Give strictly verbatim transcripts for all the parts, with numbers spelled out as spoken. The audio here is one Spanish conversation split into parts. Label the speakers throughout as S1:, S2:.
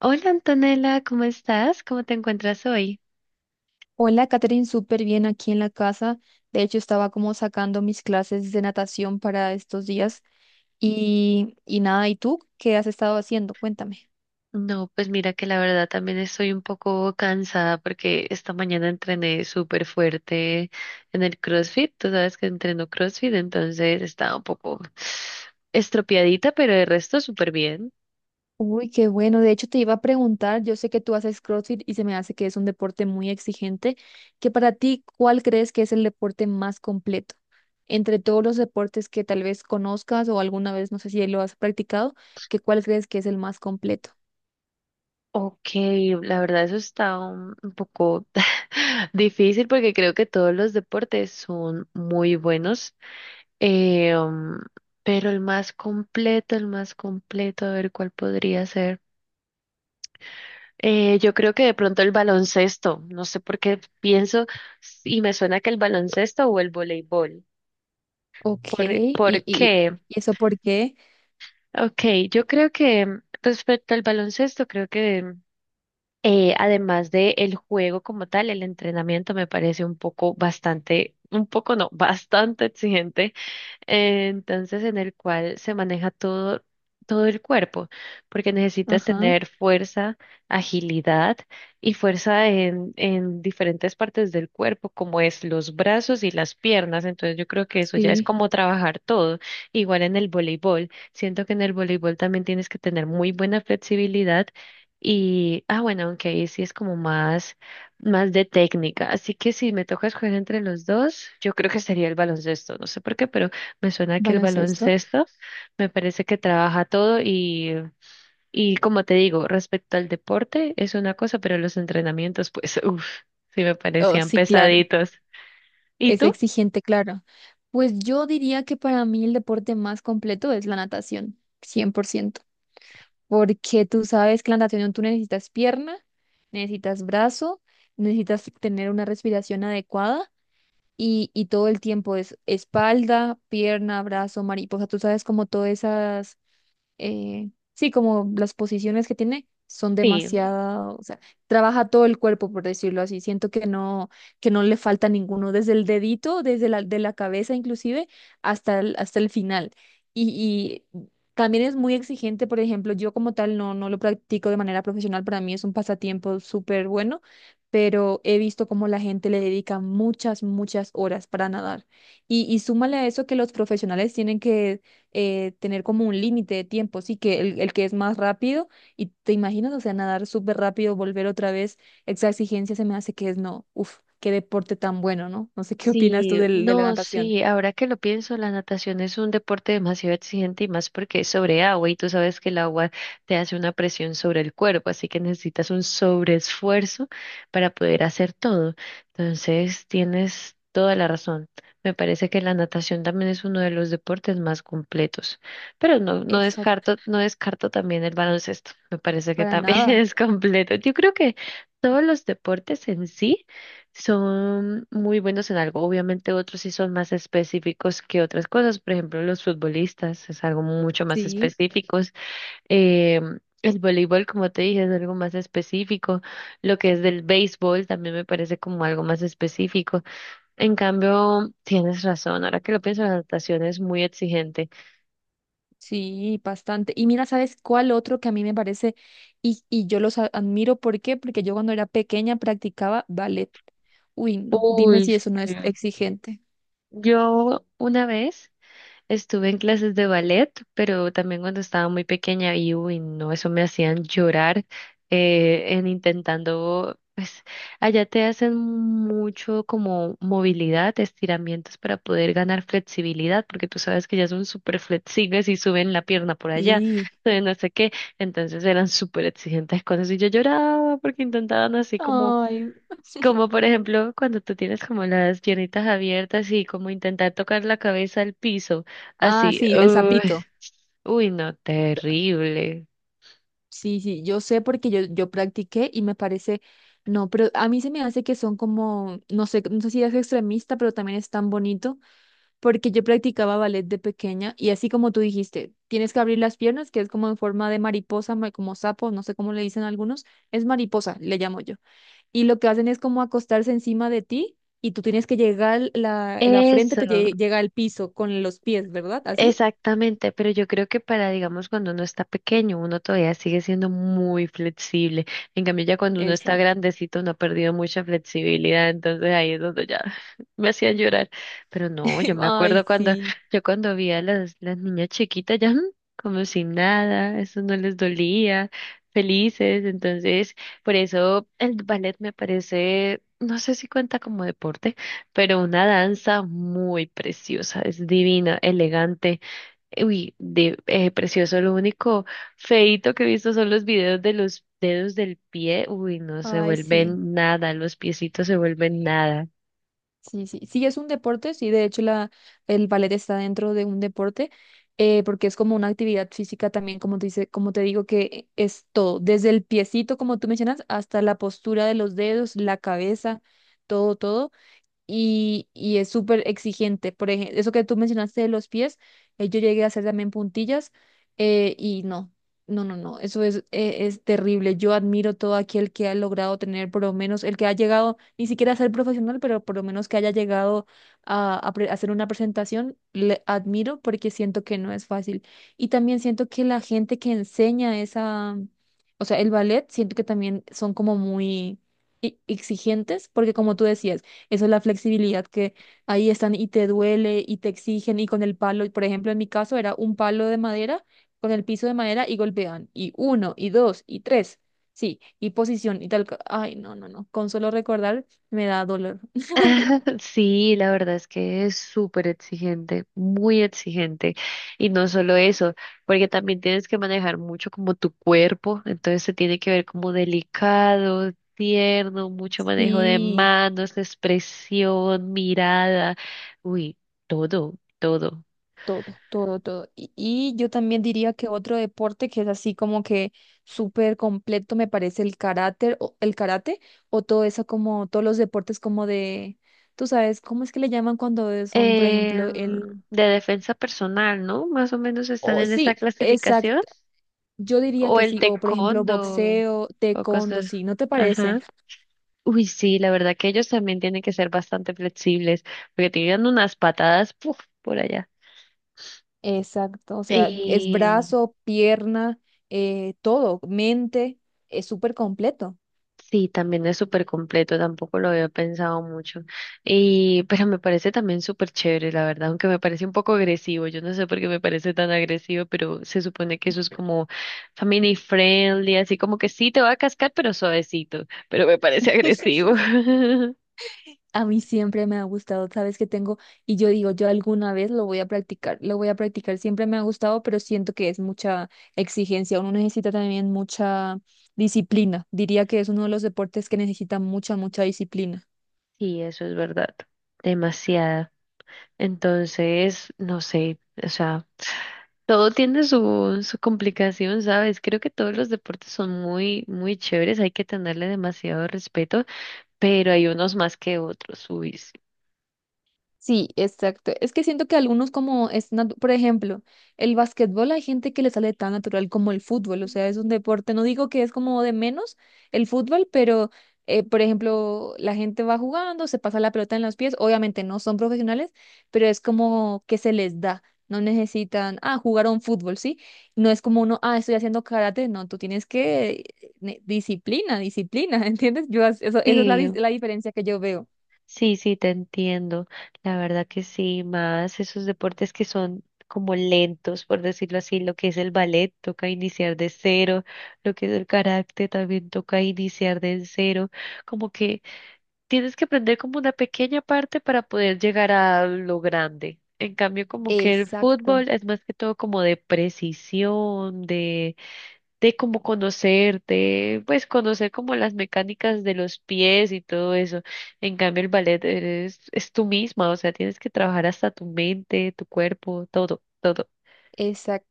S1: Hola Antonella, ¿cómo estás? ¿Cómo te encuentras hoy?
S2: Hola, Catherine, súper bien aquí en la casa. De hecho, estaba como sacando mis clases de natación para estos días. Y, y nada, ¿y tú qué has estado haciendo? Cuéntame.
S1: No, pues mira que la verdad también estoy un poco cansada porque esta mañana entrené súper fuerte en el CrossFit. Tú sabes que entreno CrossFit, entonces estaba un poco estropeadita, pero el resto súper bien.
S2: Uy, qué bueno. De hecho, te iba a preguntar, yo sé que tú haces CrossFit y se me hace que es un deporte muy exigente, que para ti, ¿cuál crees que es el deporte más completo? Entre todos los deportes que tal vez conozcas o alguna vez, no sé si lo has practicado, que ¿cuál crees que es el más completo?
S1: Ok, la verdad eso está un, un poco difícil porque creo que todos los deportes son muy buenos. Eh, um, pero el más completo, el más completo, a ver cuál podría ser. Eh, yo creo que de pronto el baloncesto, no sé por qué pienso y me suena que el baloncesto o el voleibol.
S2: Ok,
S1: ¿Por,
S2: ¿y,
S1: por
S2: y,
S1: qué?
S2: y eso por qué?
S1: Ok, yo creo que mm, respecto al baloncesto, creo que eh, además de el juego como tal, el entrenamiento me parece un poco bastante, un poco no, bastante exigente, eh, entonces en el cual se maneja todo, todo el cuerpo, porque necesitas
S2: Ajá.
S1: tener fuerza, agilidad y fuerza en, en diferentes partes del cuerpo, como es los brazos y las piernas. Entonces yo creo que eso ya es
S2: Sí,
S1: como trabajar todo. Igual en el voleibol, siento que en el voleibol también tienes que tener muy buena flexibilidad. Y, ah, bueno, aunque ahí sí es como más, más de técnica. Así que si me toca escoger entre los dos, yo creo que sería el baloncesto. No sé por qué, pero me suena que el
S2: baloncesto.
S1: baloncesto me parece que trabaja todo y, y como te digo, respecto al deporte es una cosa, pero los entrenamientos, pues, uff, sí me
S2: Oh,
S1: parecían
S2: sí, claro.
S1: pesaditos. ¿Y
S2: Es
S1: tú?
S2: exigente, claro. Pues yo diría que para mí el deporte más completo es la natación, cien por ciento, porque tú sabes que la natación tú necesitas pierna, necesitas brazo, necesitas tener una respiración adecuada y, y todo el tiempo es espalda, pierna, brazo, mariposa, tú sabes como todas esas eh, sí, como las posiciones que tiene son
S1: Sí.
S2: demasiado, o sea, trabaja todo el cuerpo, por decirlo así. Siento que no, que no le falta ninguno, desde el dedito, desde la, de la cabeza inclusive, hasta el, hasta el final. Y, y también es muy exigente, por ejemplo, yo como tal no, no lo practico de manera profesional, para mí es un pasatiempo súper bueno, pero he visto cómo la gente le dedica muchas, muchas horas para nadar. Y, y súmale a eso que los profesionales tienen que eh, tener como un límite de tiempo, sí, que el, el que es más rápido, y te imaginas, o sea, nadar súper rápido, volver otra vez, esa exigencia se me hace que es no, uf, qué deporte tan bueno, ¿no? No sé qué opinas tú
S1: Sí,
S2: del, de la
S1: no,
S2: natación.
S1: sí, ahora que lo pienso, la natación es un deporte demasiado exigente y más porque es sobre agua y tú sabes que el agua te hace una presión sobre el cuerpo, así que necesitas un sobreesfuerzo para poder hacer todo. Entonces, tienes toda la razón. Me parece que la natación también es uno de los deportes más completos, pero no, no
S2: Exacto,
S1: descarto, no descarto también el baloncesto. Me parece que
S2: para
S1: también
S2: nada,
S1: es completo. Yo creo que todos los deportes en sí son muy buenos en algo. Obviamente otros sí son más específicos que otras cosas. Por ejemplo, los futbolistas es algo mucho más
S2: sí,
S1: específicos. Eh, el voleibol, como te dije, es algo más específico. Lo que es del béisbol también me parece como algo más específico. En cambio, tienes razón. Ahora que lo pienso, la natación es muy exigente.
S2: sí, bastante. Y mira, ¿sabes cuál otro que a mí me parece, y, y yo los a- admiro?, ¿por qué? Porque yo cuando era pequeña practicaba ballet. Uy, no, dime
S1: Uy,
S2: si eso no es
S1: eh,
S2: exigente.
S1: yo una vez... Estuve en clases de ballet, pero también cuando estaba muy pequeña y uy, no, eso me hacían llorar, eh, en intentando, pues allá te hacen mucho como movilidad, estiramientos para poder ganar flexibilidad, porque tú sabes que ya son súper flexibles y suben la pierna por allá,
S2: Sí.
S1: de no sé qué, entonces eran súper exigentes con eso y yo lloraba porque intentaban así como
S2: Ay.
S1: como por ejemplo cuando tú tienes como las piernitas abiertas y como intentar tocar la cabeza al piso,
S2: Ah,
S1: así,
S2: sí, el
S1: uy,
S2: sapito.
S1: uy, no, terrible.
S2: Sí, sí, yo sé porque yo, yo practiqué y me parece, no, pero a mí se me hace que son como, no sé, no sé si es extremista, pero también es tan bonito, porque yo practicaba ballet de pequeña y así como tú dijiste, tienes que abrir las piernas, que es como en forma de mariposa, ma- como sapo, no sé cómo le dicen algunos, es mariposa, le llamo yo. Y lo que hacen es como acostarse encima de ti y tú tienes que llegar, la, la frente
S1: Eso.
S2: te lle- llega al piso con los pies, ¿verdad? ¿Así?
S1: Exactamente, pero yo creo que para, digamos, cuando uno está pequeño, uno todavía sigue siendo muy flexible. En cambio, ya cuando uno está
S2: Exacto.
S1: grandecito, uno ha perdido mucha flexibilidad, entonces ahí es donde ya me hacían llorar. Pero no, yo me
S2: Ay,
S1: acuerdo cuando,
S2: sí,
S1: yo cuando vi a las, las niñas chiquitas ya mm, como sin nada, eso no les dolía, felices. Entonces, por eso el ballet me parece, no sé si cuenta como deporte pero una danza muy preciosa, es divina, elegante. Uy, de, eh, precioso. Lo único feito que he visto son los videos de los dedos del pie. Uy, no se
S2: ay, sí.
S1: vuelven nada, los piecitos se vuelven nada.
S2: Sí, sí, sí, es un deporte, sí, de hecho la, el ballet está dentro de un deporte, eh, porque es como una actividad física también, como te dice, como te digo, que es todo, desde el piecito, como tú mencionas, hasta la postura de los dedos, la cabeza, todo, todo y, y es súper exigente. Por ejemplo, eso que tú mencionaste de los pies, eh, yo llegué a hacer también puntillas eh, y no, no, no, no, eso es, eh, es terrible. Yo admiro todo aquel que ha logrado tener, por lo menos, el que ha llegado, ni siquiera a ser profesional, pero por lo menos que haya llegado a, a pre- hacer una presentación, le admiro porque siento que no es fácil. Y también siento que la gente que enseña esa, o sea, el ballet, siento que también son como muy... e- exigentes, porque como tú decías, eso es la flexibilidad que ahí están y te duele y te exigen y con el palo, y por ejemplo, en mi caso era un palo de madera con el piso de madera y golpean y uno y dos y tres. Sí, y posición y tal. co- Ay, no, no, no. Con solo recordar me da dolor.
S1: Sí, la verdad es que es súper exigente, muy exigente. Y no solo eso, porque también tienes que manejar mucho como tu cuerpo, entonces se tiene que ver como delicado, tierno, mucho manejo de
S2: Sí.
S1: manos, expresión, mirada. Uy, todo, todo.
S2: Todo, todo, todo. Y, y yo también diría que otro deporte que es así como que súper completo me parece el karate, o el karate o todo eso como todos los deportes como de, tú sabes, ¿cómo es que le llaman cuando son, por
S1: eh,
S2: ejemplo, el...
S1: de defensa personal, ¿no? Más o menos están
S2: o
S1: en esta
S2: sí,
S1: clasificación.
S2: exacto. Yo diría
S1: O
S2: que
S1: el
S2: sí, o por ejemplo
S1: taekwondo
S2: boxeo,
S1: o
S2: taekwondo,
S1: cosas.
S2: sí, ¿no te parece?
S1: Ajá. Uy, sí, la verdad que ellos también tienen que ser bastante flexibles, porque tienen unas patadas, puf, por allá.
S2: Exacto, o sea, es
S1: Y
S2: brazo, pierna, eh, todo, mente, es súper completo.
S1: sí, también es súper completo, tampoco lo había pensado mucho. Y, pero me parece también súper chévere, la verdad, aunque me parece un poco agresivo. Yo no sé por qué me parece tan agresivo, pero se supone que eso es como family friendly, así como que sí te va a cascar, pero suavecito. Pero me parece agresivo.
S2: A mí siempre me ha gustado, sabes que tengo, y yo digo, yo alguna vez lo voy a practicar, lo voy a practicar, siempre me ha gustado, pero siento que es mucha exigencia, uno necesita también mucha disciplina, diría que es uno de los deportes que necesita mucha, mucha disciplina.
S1: Sí, eso es verdad. Demasiada. Entonces, no sé, o sea, todo tiene su, su complicación, ¿sabes? Creo que todos los deportes son muy, muy chéveres, hay que tenerle demasiado respeto, pero hay unos más que otros. Uy, sí.
S2: Sí, exacto. Es que siento que algunos como es, natu- por ejemplo, el básquetbol hay gente que le sale tan natural como el fútbol, o sea, es un deporte, no digo que es como de menos el fútbol, pero eh, por ejemplo, la gente va jugando, se pasa la pelota en los pies, obviamente no son profesionales, pero es como que se les da, no necesitan, ah, jugaron fútbol, ¿sí? No es como uno, ah, estoy haciendo karate, no, tú tienes que ne- disciplina, disciplina, ¿entiendes? Yo, as- eso, esa es la, dis-
S1: Sí,
S2: la diferencia que yo veo.
S1: sí, sí, te entiendo. La verdad que sí, más esos deportes que son como lentos, por decirlo así, lo que es el ballet toca iniciar de cero, lo que es el karate también toca iniciar de cero, como que tienes que aprender como una pequeña parte para poder llegar a lo grande. En cambio, como que el
S2: Exacto.
S1: fútbol es más que todo como de precisión, de como conocerte, pues conocer como las mecánicas de los pies y todo eso. En cambio, el ballet eres, es tú misma, o sea, tienes que trabajar hasta tu mente, tu cuerpo, todo, todo.
S2: Exacto.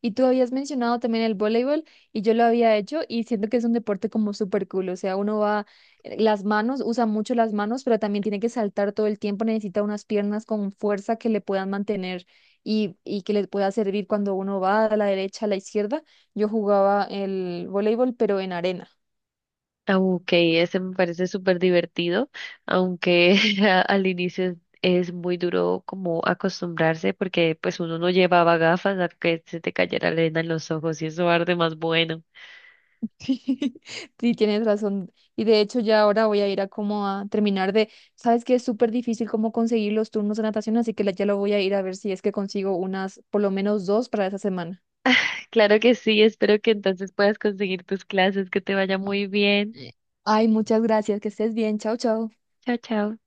S2: Y tú habías mencionado también el voleibol y yo lo había hecho y siento que es un deporte como súper cool, o sea, uno va, eh, las manos, usa mucho las manos, pero también tiene que saltar todo el tiempo, necesita unas piernas con fuerza que le puedan mantener y, y que le pueda servir cuando uno va a la derecha, a la izquierda. Yo jugaba el voleibol, pero en arena.
S1: Ah, Ok, ese me parece súper divertido, aunque a- al inicio es es muy duro como acostumbrarse porque pues uno no llevaba gafas a que se te cayera la arena en los ojos y eso arde más bueno.
S2: Sí, sí, tienes razón. Y de hecho ya ahora voy a ir a como a terminar de, sabes que es súper difícil como conseguir los turnos de natación, así que la- ya lo voy a ir a ver si es que consigo unas, por lo menos dos para esa semana.
S1: Claro que sí, espero que entonces puedas conseguir tus clases, que te vaya
S2: Eh,
S1: muy bien.
S2: eh. Ay, muchas gracias, que estés bien, chao, chao.
S1: Chao, chao.